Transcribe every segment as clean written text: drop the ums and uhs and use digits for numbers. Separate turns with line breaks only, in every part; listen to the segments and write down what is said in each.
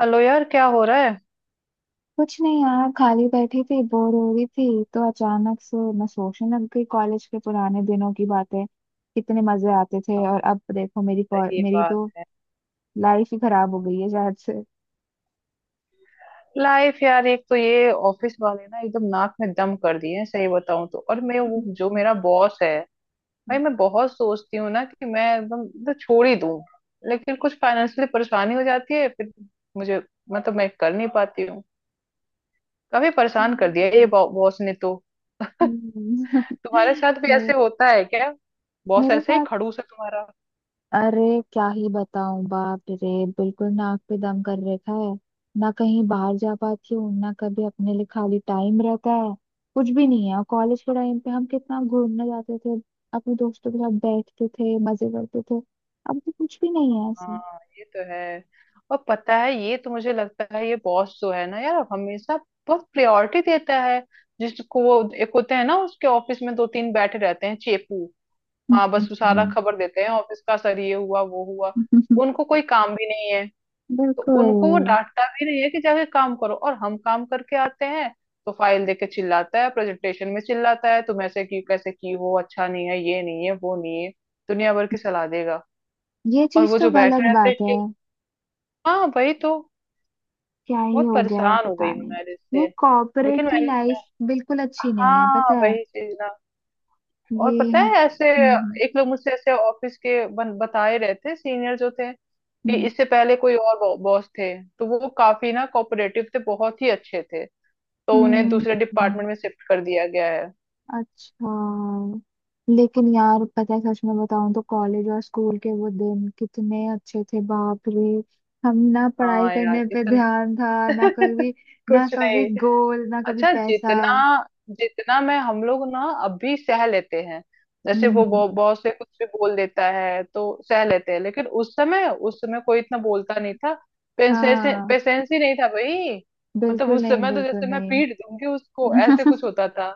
Hello यार, क्या हो रहा है।
कुछ नहीं यार, खाली बैठी थी, बोर हो रही थी तो अचानक से मैं सोचने लग गई कॉलेज के पुराने दिनों की बातें। कितने मजे आते थे और अब देखो मेरी
सही
मेरी
बात
तो
है।
लाइफ ही खराब हो गई है शायद से।
लाइफ यार, एक तो ये ऑफिस वाले ना एकदम नाक में दम कर दिए हैं सही बताऊं तो। और मैं वो जो
हम्म।
मेरा बॉस है, भाई मैं बहुत सोचती हूँ ना कि मैं एकदम तो छोड़ ही दूं, लेकिन कुछ फाइनेंशियली परेशानी हो जाती है फिर मुझे। मतलब मैं कर नहीं पाती हूँ। काफी परेशान कर दिया ये
हम्म।
बॉस ने तो।
हम्म।
तुम्हारे साथ भी ऐसे
मेरे
होता है क्या। बॉस
मेरे
ऐसे ही
साथ
खड़ूस है तुम्हारा।
अरे क्या ही बताऊं, बाप रे। बिल्कुल नाक पे दम कर रखा है। ना कहीं बाहर जा पाती हूँ, ना कभी अपने लिए खाली टाइम रहता है, कुछ भी नहीं है। कॉलेज के टाइम पे हम कितना घूमने जाते थे, अपने दोस्तों के साथ बैठते थे, मजे करते थे। अब तो कुछ भी नहीं है ऐसा।
हाँ ये तो है। और पता है, ये तो मुझे लगता है ये बॉस जो है ना यार, हमेशा बहुत प्रायोरिटी देता है जिसको। वो एक होते हैं ना, उसके ऑफिस में दो तीन बैठे रहते हैं चेपू। हाँ, बस वो सारा
हम्म।
खबर देते हैं ऑफिस का। सर ये हुआ वो हुआ।
हम्म।
उनको कोई काम भी नहीं है तो उनको वो
बिल्कुल।
डांटता भी नहीं है कि जाके काम करो। और हम काम करके आते हैं तो फाइल देके चिल्लाता है, प्रेजेंटेशन में चिल्लाता है तुम ऐसे की कैसे की हो, अच्छा नहीं है ये नहीं है वो नहीं है। दुनिया भर की सलाह देगा।
ये
और
चीज
वो
तो
जो बैठे
गलत
रहते
बात है।
हैं, हाँ वही तो।
क्या ही
बहुत
हो गया है
परेशान हो
पता
गई हूँ मैं
नहीं। ये
इससे।
कॉर्पोरेट
लेकिन
की
मैंने,
लाइफ बिल्कुल अच्छी नहीं है, पता
हाँ
है।
वही चीज ना। और
ये
पता
हाँ
है ऐसे
हम्म।
एक लोग मुझसे ऐसे ऑफिस के बताए रहे थे, सीनियर जो थे, कि
हम्म।
इससे पहले कोई और बॉस थे तो वो काफी ना कोऑपरेटिव थे, बहुत ही अच्छे थे। तो उन्हें
हम्म।
दूसरे डिपार्टमेंट में शिफ्ट कर दिया गया है।
अच्छा। लेकिन यार, पता है, सच में बताऊं तो कॉलेज और स्कूल के वो दिन कितने अच्छे थे, बाप रे। हम ना पढ़ाई
हाँ यार
करने पे
इतना
ध्यान था, ना
कुछ
कभी
नहीं।
गोल, ना कभी
अच्छा,
पैसा।
जितना जितना मैं, हम लोग ना अभी सह लेते हैं, जैसे वो
हम्म।
बॉस से कुछ भी बोल देता है तो सह लेते हैं, लेकिन उस समय कोई इतना बोलता नहीं था। पेशेंस,
हाँ।
पेशेंस ही नहीं था भाई। मतलब
बिल्कुल
उस
नहीं,
समय तो
बिल्कुल
जैसे मैं
नहीं।
पीट दूंगी उसको, ऐसे कुछ होता था।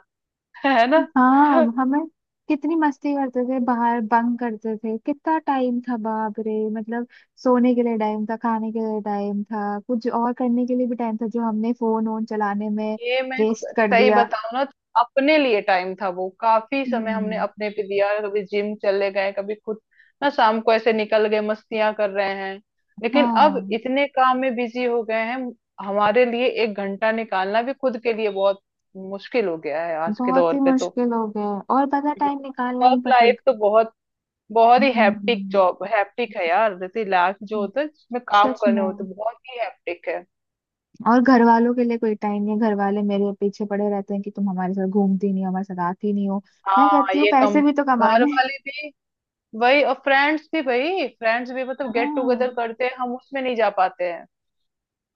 है ना।
हाँ। हमें कितनी मस्ती करते थे, बाहर बंक करते थे, कितना टाइम था, बाप रे। मतलब सोने के लिए टाइम था, खाने के लिए टाइम था, कुछ और करने के लिए भी टाइम था, जो हमने फोन वोन चलाने में
ये मैं
वेस्ट
स-
कर
सही
दिया।
बताऊं ना तो अपने लिए टाइम था, वो काफी समय हमने
हम्म।
अपने पे दिया, कभी जिम चले गए कभी खुद ना शाम को ऐसे निकल गए मस्तियां कर रहे हैं। लेकिन अब
हाँ,
इतने काम में बिजी हो गए हैं, हमारे लिए 1 घंटा निकालना भी खुद के लिए बहुत मुश्किल हो गया है आज के
बहुत
दौर
ही
पे तो।
मुश्किल हो गया। और पता, टाइम निकालना ही
वर्क
पड़ता।
लाइफ तो बहुत, बहुत ही हैप्टिक
हम्म।
जॉब, हैप्टिक है यार, जैसे लाइफ जो होता है जिसमें काम
सच
करने
में।
होते, बहुत ही हैप्टिक है।
और घर वालों के लिए कोई टाइम नहीं, घर वाले मेरे पीछे पड़े रहते हैं कि तुम हमारे साथ घूमती नहीं हो, हमारे साथ आती नहीं हो। मैं
हाँ
कहती हूँ
ये कम
पैसे भी तो
घर
कमाने हैं।
वाले भी, वही। और फ्रेंड्स भी भाई, फ्रेंड्स भी मतलब गेट टुगेदर
हाँ।
करते हैं, हम उसमें नहीं जा पाते हैं।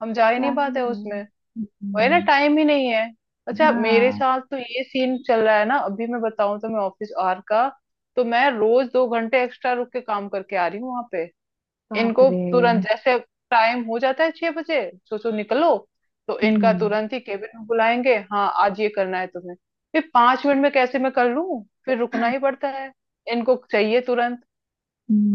हम जा ही
क्या
नहीं
है।
पाते उसमें। वही ना,
हम्म।
टाइम ही नहीं है। अच्छा मेरे
हाँ,
साथ तो ये सीन चल रहा है ना अभी, मैं बताऊं तो, मैं ऑफिस आर का, तो मैं रोज 2 घंटे एक्स्ट्रा रुक के काम करके आ रही हूँ वहां पे।
बाप
इनको
रे।
तुरंत जैसे टाइम हो जाता है 6 बजे, सोचो निकलो, तो इनका
हम्म।
तुरंत ही केबिन में बुलाएंगे, हाँ आज ये करना है तुम्हें। फिर 5 मिनट में कैसे मैं कर लूं, फिर रुकना ही पड़ता है। इनको चाहिए तुरंत।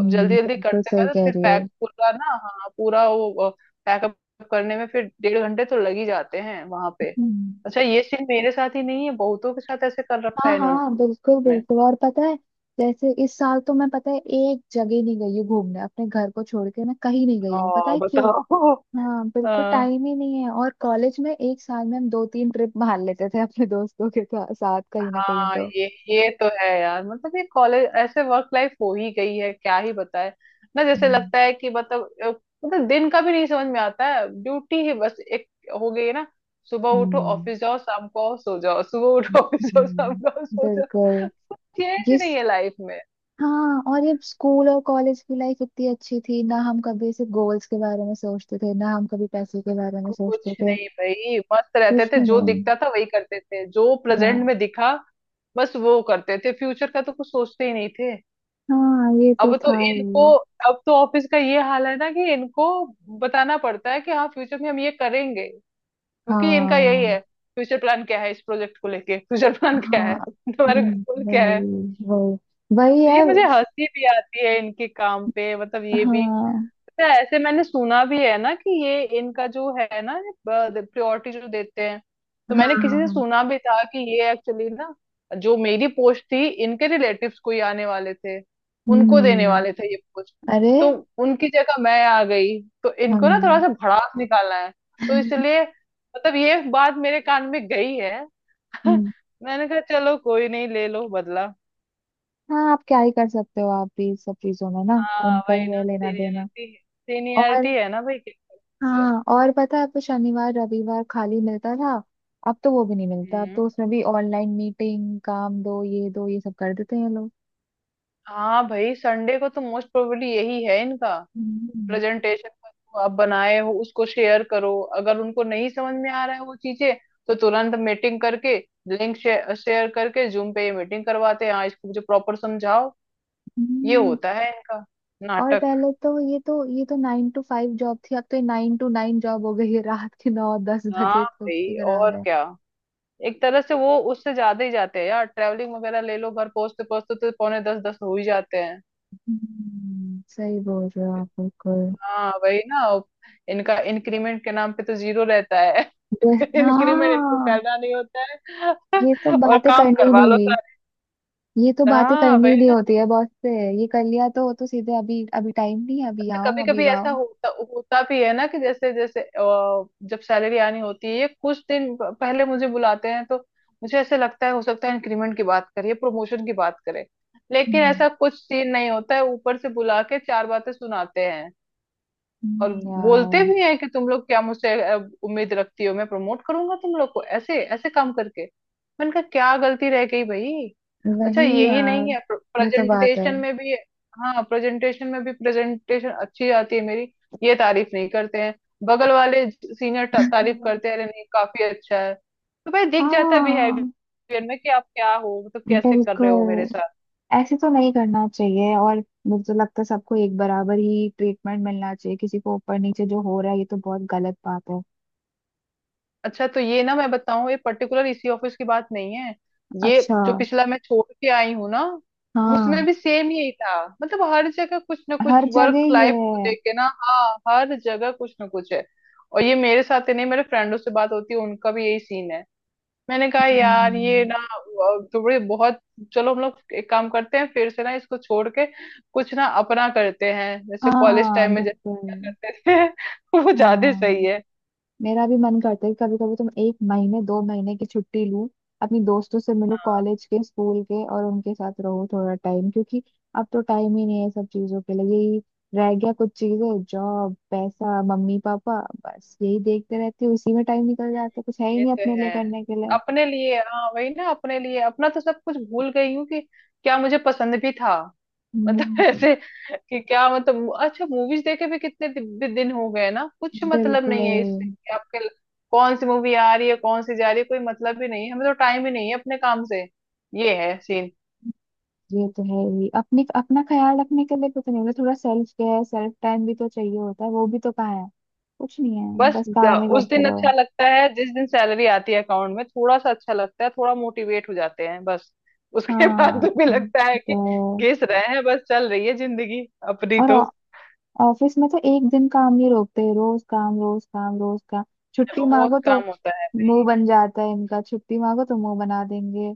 अब जल्दी जल्दी
बिल्कुल
करते
सही
करते
कह
फिर
रही हो।
पैक पूरा ना, हाँ पूरा वो पैकअप करने में फिर 1.5 घंटे तो लग ही जाते हैं वहां पे।
हम्म।
अच्छा ये सीन मेरे साथ ही नहीं है, बहुतों के साथ ऐसे कर रखा
हाँ,
है इन्होंने।
हाँ, बिल्कुल बिल्कुल। और पता है, जैसे इस साल तो मैं पता है एक जगह नहीं गई हूँ घूमने, अपने घर को छोड़ के मैं कहीं नहीं गई हूँ, पता
हाँ
है क्यों।
बताओ।
हाँ, बिल्कुल
हाँ
टाइम ही नहीं है। और कॉलेज में एक साल में हम दो तीन ट्रिप मार लेते थे अपने दोस्तों के साथ, कहीं ना कहीं
हाँ,
तो।
ये तो है यार, मतलब ये कॉलेज, ऐसे वर्क लाइफ हो ही गई है, क्या ही बताए। ना जैसे
हम्म।
लगता है कि मतलब मतलब दिन का भी नहीं समझ में आता है, ड्यूटी ही बस एक हो गई है ना। सुबह उठो
हम्म।
ऑफिस जाओ शाम को आओ सो जाओ, सुबह उठो ऑफिस जाओ शाम
हम्म,
को आओ सो जाओ।
बिल्कुल।
कुछ
ये
चेंज नहीं है लाइफ में।
हाँ। और ये स्कूल और कॉलेज की लाइफ इतनी अच्छी थी ना, हम कभी सिर्फ गोल्स के बारे में सोचते थे, ना हम कभी पैसे के बारे में सोचते
कुछ
थे।
नहीं भाई, मस्त रहते
कुछ
थे,
भी
जो
नहीं।
दिखता था वही करते थे, जो प्रेजेंट
हाँ।
में दिखा बस वो करते थे, फ्यूचर का तो कुछ सोचते ही नहीं थे।
हाँ, ये तो
अब तो
था
इनको,
ही।
अब तो ऑफिस का ये हाल है ना कि इनको बताना पड़ता है कि हाँ फ्यूचर में हम ये करेंगे, क्योंकि इनका यही
हाँ।
है, फ्यूचर प्लान क्या है, इस प्रोजेक्ट को लेके फ्यूचर प्लान क्या
हाँ।
है, तुम्हारे गोल क्या है।
वही। वही।
हाँ,
वही
तो
है।
ये मुझे हंसी भी आती है इनके काम पे, मतलब ये भी।
हाँ।
तो ऐसे मैंने सुना भी है ना कि ये इनका जो है ना प्रायोरिटी जो देते हैं, तो
हाँ।
मैंने किसी
हाँ।
से
हाँ।
सुना भी था कि ये एक्चुअली ना, जो मेरी पोस्ट थी, इनके रिलेटिव्स कोई आने वाले थे, उनको देने
हम्म।
वाले थे ये पोस्ट,
अरे।
तो उनकी जगह मैं आ गई तो इनको ना थोड़ा
हम।
सा भड़ास निकालना है, तो इसलिए। मतलब ये बात मेरे कान में गई है।
हम्म।
मैंने कहा चलो कोई नहीं, ले लो बदला।
हाँ, आप क्या ही कर सकते हो, आप भी सब चीजों में ना।
हाँ
उनका
वही
ही है
ना,
लेना देना।
सीनियरिटी,
और
सीनियरिटी है ना भाई, क्या कर सकते
हाँ, और पता है, तो शनिवार रविवार खाली मिलता था, अब तो वो भी नहीं मिलता, अब
हैं।
तो उसमें भी ऑनलाइन मीटिंग, काम दो ये सब कर देते हैं लोग।
हाँ भाई, संडे को तो मोस्ट प्रोबेबली यही है इनका,
हम्म।
प्रेजेंटेशन का, जो आप बनाए हो उसको शेयर करो, अगर उनको नहीं समझ में आ रहा है वो चीजें, तो तुरंत मीटिंग करके, लिंक शेयर करके जूम पे ये मीटिंग करवाते हैं, हाँ इसको मुझे प्रॉपर समझाओ। ये
हम्म।
होता है इनका
और
नाटक।
पहले तो ये तो नाइन टू फाइव जॉब थी, अब तो ये नाइन टू नाइन जॉब हो गई है, रात के नौ दस
हाँ
बजे तो कुछ
भाई
भी करा
और
रहे हैं।
क्या। एक तरह से वो उससे ज्यादा ही जाते हैं यार, ट्रैवलिंग वगैरह ले लो, घर पहुंचते पहुंचते तो पौने दस दस हो ही जाते हैं।
सही बोल रहे हो आप, बिल्कुल।
हाँ वही ना। इनका इंक्रीमेंट के नाम पे तो 0 रहता है। इंक्रीमेंट इनको
हाँ।
करना नहीं होता है,
ये तो
और
बातें
काम
करनी ही
करवा
नहीं
लो
हुई।
सारे।
ये तो बातें
हाँ
करनी
वही
ही नहीं
ना।
होती है बॉस से। ये कर लिया तो सीधे अभी अभी टाइम नहीं है, अभी
अच्छा
आओ,
कभी
अभी
कभी
वाओ।
ऐसा होता होता भी है ना कि जैसे जैसे जब सैलरी आनी होती है ये कुछ दिन पहले मुझे बुलाते हैं तो मुझे ऐसे लगता है हो सकता है इंक्रीमेंट की बात करिए, प्रमोशन की बात करें, लेकिन
हम्म।
ऐसा कुछ सीन नहीं होता है, ऊपर से बुला के चार बातें सुनाते। और बोलते
यार।
भी हैं कि तुम लोग क्या मुझसे उम्मीद रखती हो, मैं प्रमोट करूंगा तुम लोग को ऐसे ऐसे काम करके। मैंने कहा क्या गलती रह गई भाई। अच्छा
वही
यही
यार।
नहीं है,
ये तो बात है।
प्रेजेंटेशन में भी, हाँ प्रेजेंटेशन में भी, प्रेजेंटेशन अच्छी आती है मेरी, ये तारीफ नहीं करते हैं, बगल वाले सीनियर तारीफ करते हैं, अरे नहीं काफी अच्छा है, तो भाई दिख जाता भी है
हाँ,
बिहेवियर में कि आप क्या हो, मतलब कैसे कर रहे हो मेरे।
बिल्कुल। ऐसे तो नहीं करना चाहिए। और मुझे तो लगता है सबको एक बराबर ही ट्रीटमेंट मिलना चाहिए, किसी को ऊपर नीचे जो हो रहा है ये तो बहुत गलत बात है।
अच्छा तो ये ना मैं बताऊं, ये पर्टिकुलर इसी ऑफिस की बात नहीं है, ये
अच्छा।
जो पिछला मैं छोड़ के आई हूँ ना, उसमें
हाँ,
भी सेम ही था। मतलब हर जगह कुछ ना कुछ
हर जगह
वर्क
ये
लाइफ को
है।
लेके ना, हाँ हर जगह कुछ ना कुछ है। और ये मेरे साथ ही नहीं, मेरे फ्रेंडों से बात होती है उनका भी यही सीन है। मैंने कहा यार ये
हम्म।
ना थोड़े बहुत, चलो हम लोग एक काम करते हैं फिर से ना, इसको छोड़ के कुछ ना अपना करते हैं जैसे कॉलेज
हाँ,
टाइम में जैसे क्या
बिल्कुल।
करते थे, वो ज्यादा
हाँ,
सही है।
मेरा भी मन करता है कि कभी कभी तुम एक महीने दो महीने की छुट्टी लो, अपनी दोस्तों से मिलो, कॉलेज के स्कूल के, और उनके साथ रहो थोड़ा टाइम, क्योंकि अब तो टाइम ही नहीं है सब चीजों के लिए, यही रह गया कुछ चीजें, जॉब, पैसा, मम्मी पापा, बस यही देखते रहते हो, इसी में टाइम निकल जाता है, कुछ है ही
ये
नहीं
तो
अपने लिए
है,
करने के लिए।
अपने लिए हाँ वही ना, अपने लिए अपना तो सब कुछ भूल गई हूँ, कि क्या मुझे पसंद भी था। मतलब
हम्म,
ऐसे कि क्या मतलब अच्छा मूवीज देखे भी कितने दि, दि, दिन हो गए ना, कुछ मतलब
बिल्कुल।
नहीं है इससे कि कौन सी मूवी आ रही है कौन सी जा रही है, कोई मतलब ही नहीं है, हमें तो टाइम ही नहीं है अपने काम से। ये है सीन।
ये तो है ही, अपने अपना ख्याल रखने के लिए कुछ नहीं होता, थोड़ा सेल्फ केयर, सेल्फ टाइम भी तो चाहिए होता है, वो भी तो कहाँ है। कुछ नहीं है, बस काम ही
उस
करते
दिन
रहो।
अच्छा लगता है जिस दिन सैलरी आती है अकाउंट में, थोड़ा सा अच्छा लगता है, थोड़ा मोटिवेट हो जाते हैं बस, उसके बाद
हाँ।
तो भी लगता है कि
तो
घिस रहे हैं, बस चल रही है जिंदगी अपनी
और
तो।
ऑफिस में तो एक दिन काम नहीं रोकते, रोज काम, रोज काम, रोज काम। छुट्टी
रोज
मांगो तो
काम होता है
मुंह
भाई।
बन जाता है इनका, छुट्टी मांगो तो मुंह बना देंगे।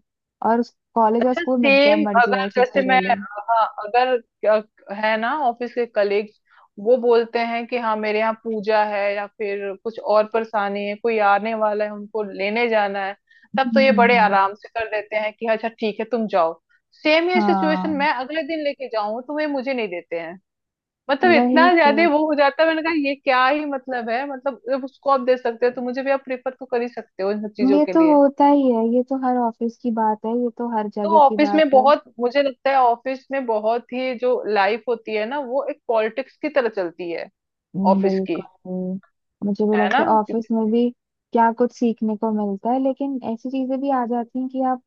और कॉलेज और
अच्छा
स्कूल में जब
सेम
मर्जी
अगर
आए
जैसे
छुट्टी ले
मैं,
लो।
हाँ अगर है ना, ऑफिस के कलीग्स वो बोलते हैं कि हाँ मेरे यहाँ पूजा है या फिर कुछ और परेशानी है, कोई आने वाला है उनको लेने जाना है, तब तो ये बड़े
हम्म।
आराम से कर देते हैं कि अच्छा ठीक है तुम जाओ। सेम ये सिचुएशन
हाँ,
मैं अगले दिन लेके जाऊं तो वे मुझे नहीं देते हैं। मतलब
वही
इतना
तो।
ज्यादा वो हो जाता है, मैंने कहा ये क्या ही मतलब है, मतलब जब उसको आप दे सकते हो तो मुझे भी आप प्रेफर तो कर ही सकते हो इन सब चीजों
ये
के
तो
लिए।
होता ही है, ये तो हर ऑफिस की बात है, ये तो हर
तो
जगह की
ऑफिस
बात
में
है।
बहुत, मुझे लगता है ऑफिस में बहुत ही जो लाइफ होती है ना वो एक पॉलिटिक्स की तरह चलती है, ऑफिस की।
बिल्कुल। मुझे भी
है ना।
लगता है ऑफिस में भी क्या कुछ सीखने को मिलता है, लेकिन ऐसी चीजें भी आ जाती हैं कि आप,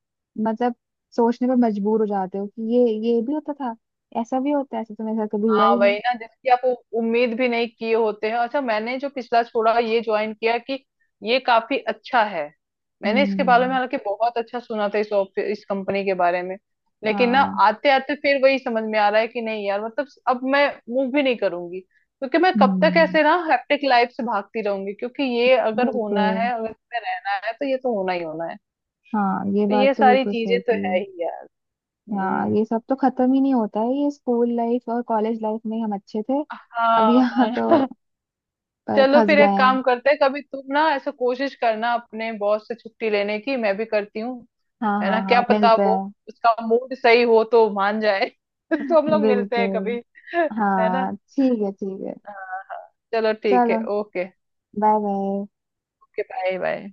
मतलब सोचने पर मजबूर हो जाते हो कि ये भी होता था, ऐसा भी होता है, ऐसा तो मेरे साथ कभी हुआ ही
हाँ
नहीं।
वही ना, जिसकी आप उम्मीद भी नहीं किए होते हैं। अच्छा मैंने जो पिछला छोड़ा ये ज्वाइन किया कि ये काफी अच्छा है, मैंने इसके बारे में
हम्म।
हालांकि बहुत अच्छा सुना था, इस ऑफ इस कंपनी के बारे में, लेकिन ना
हाँ।
आते आते फिर वही समझ में आ रहा है कि नहीं यार, मतलब अब मैं मूव भी नहीं करूंगी, क्योंकि मैं कब तक
हम्म,
ऐसे ना हैप्टिक लाइफ से भागती रहूंगी, क्योंकि ये अगर होना
बिल्कुल।
है, अगर इसमें रहना है तो ये तो होना ही होना है।
हाँ, ये
तो
बात
ये
तो
सारी
बिल्कुल
चीजें
सही
तो है
की।
ही यार।
हाँ,
हम्म।
ये सब तो खत्म ही नहीं होता है। ये स्कूल लाइफ और कॉलेज लाइफ में हम अच्छे थे,
हाँ
अब यहाँ तो
हाँ। चलो
फंस
फिर
गए
एक
हैं।
काम करते हैं, कभी तुम ना ऐसा कोशिश करना अपने बॉस से छुट्टी लेने की, मैं भी करती हूँ,
हाँ,
है
हाँ,
ना, क्या
हाँ,
पता
मिलता
वो,
है।
उसका मूड सही हो तो मान जाए, तो हम लोग मिलते हैं कभी।
बिल्कुल।
है ना,
हाँ, ठीक है, ठीक है।
हाँ हाँ। चलो ठीक है,
चलो,
okay.
Bye bye.
Okay, bye bye.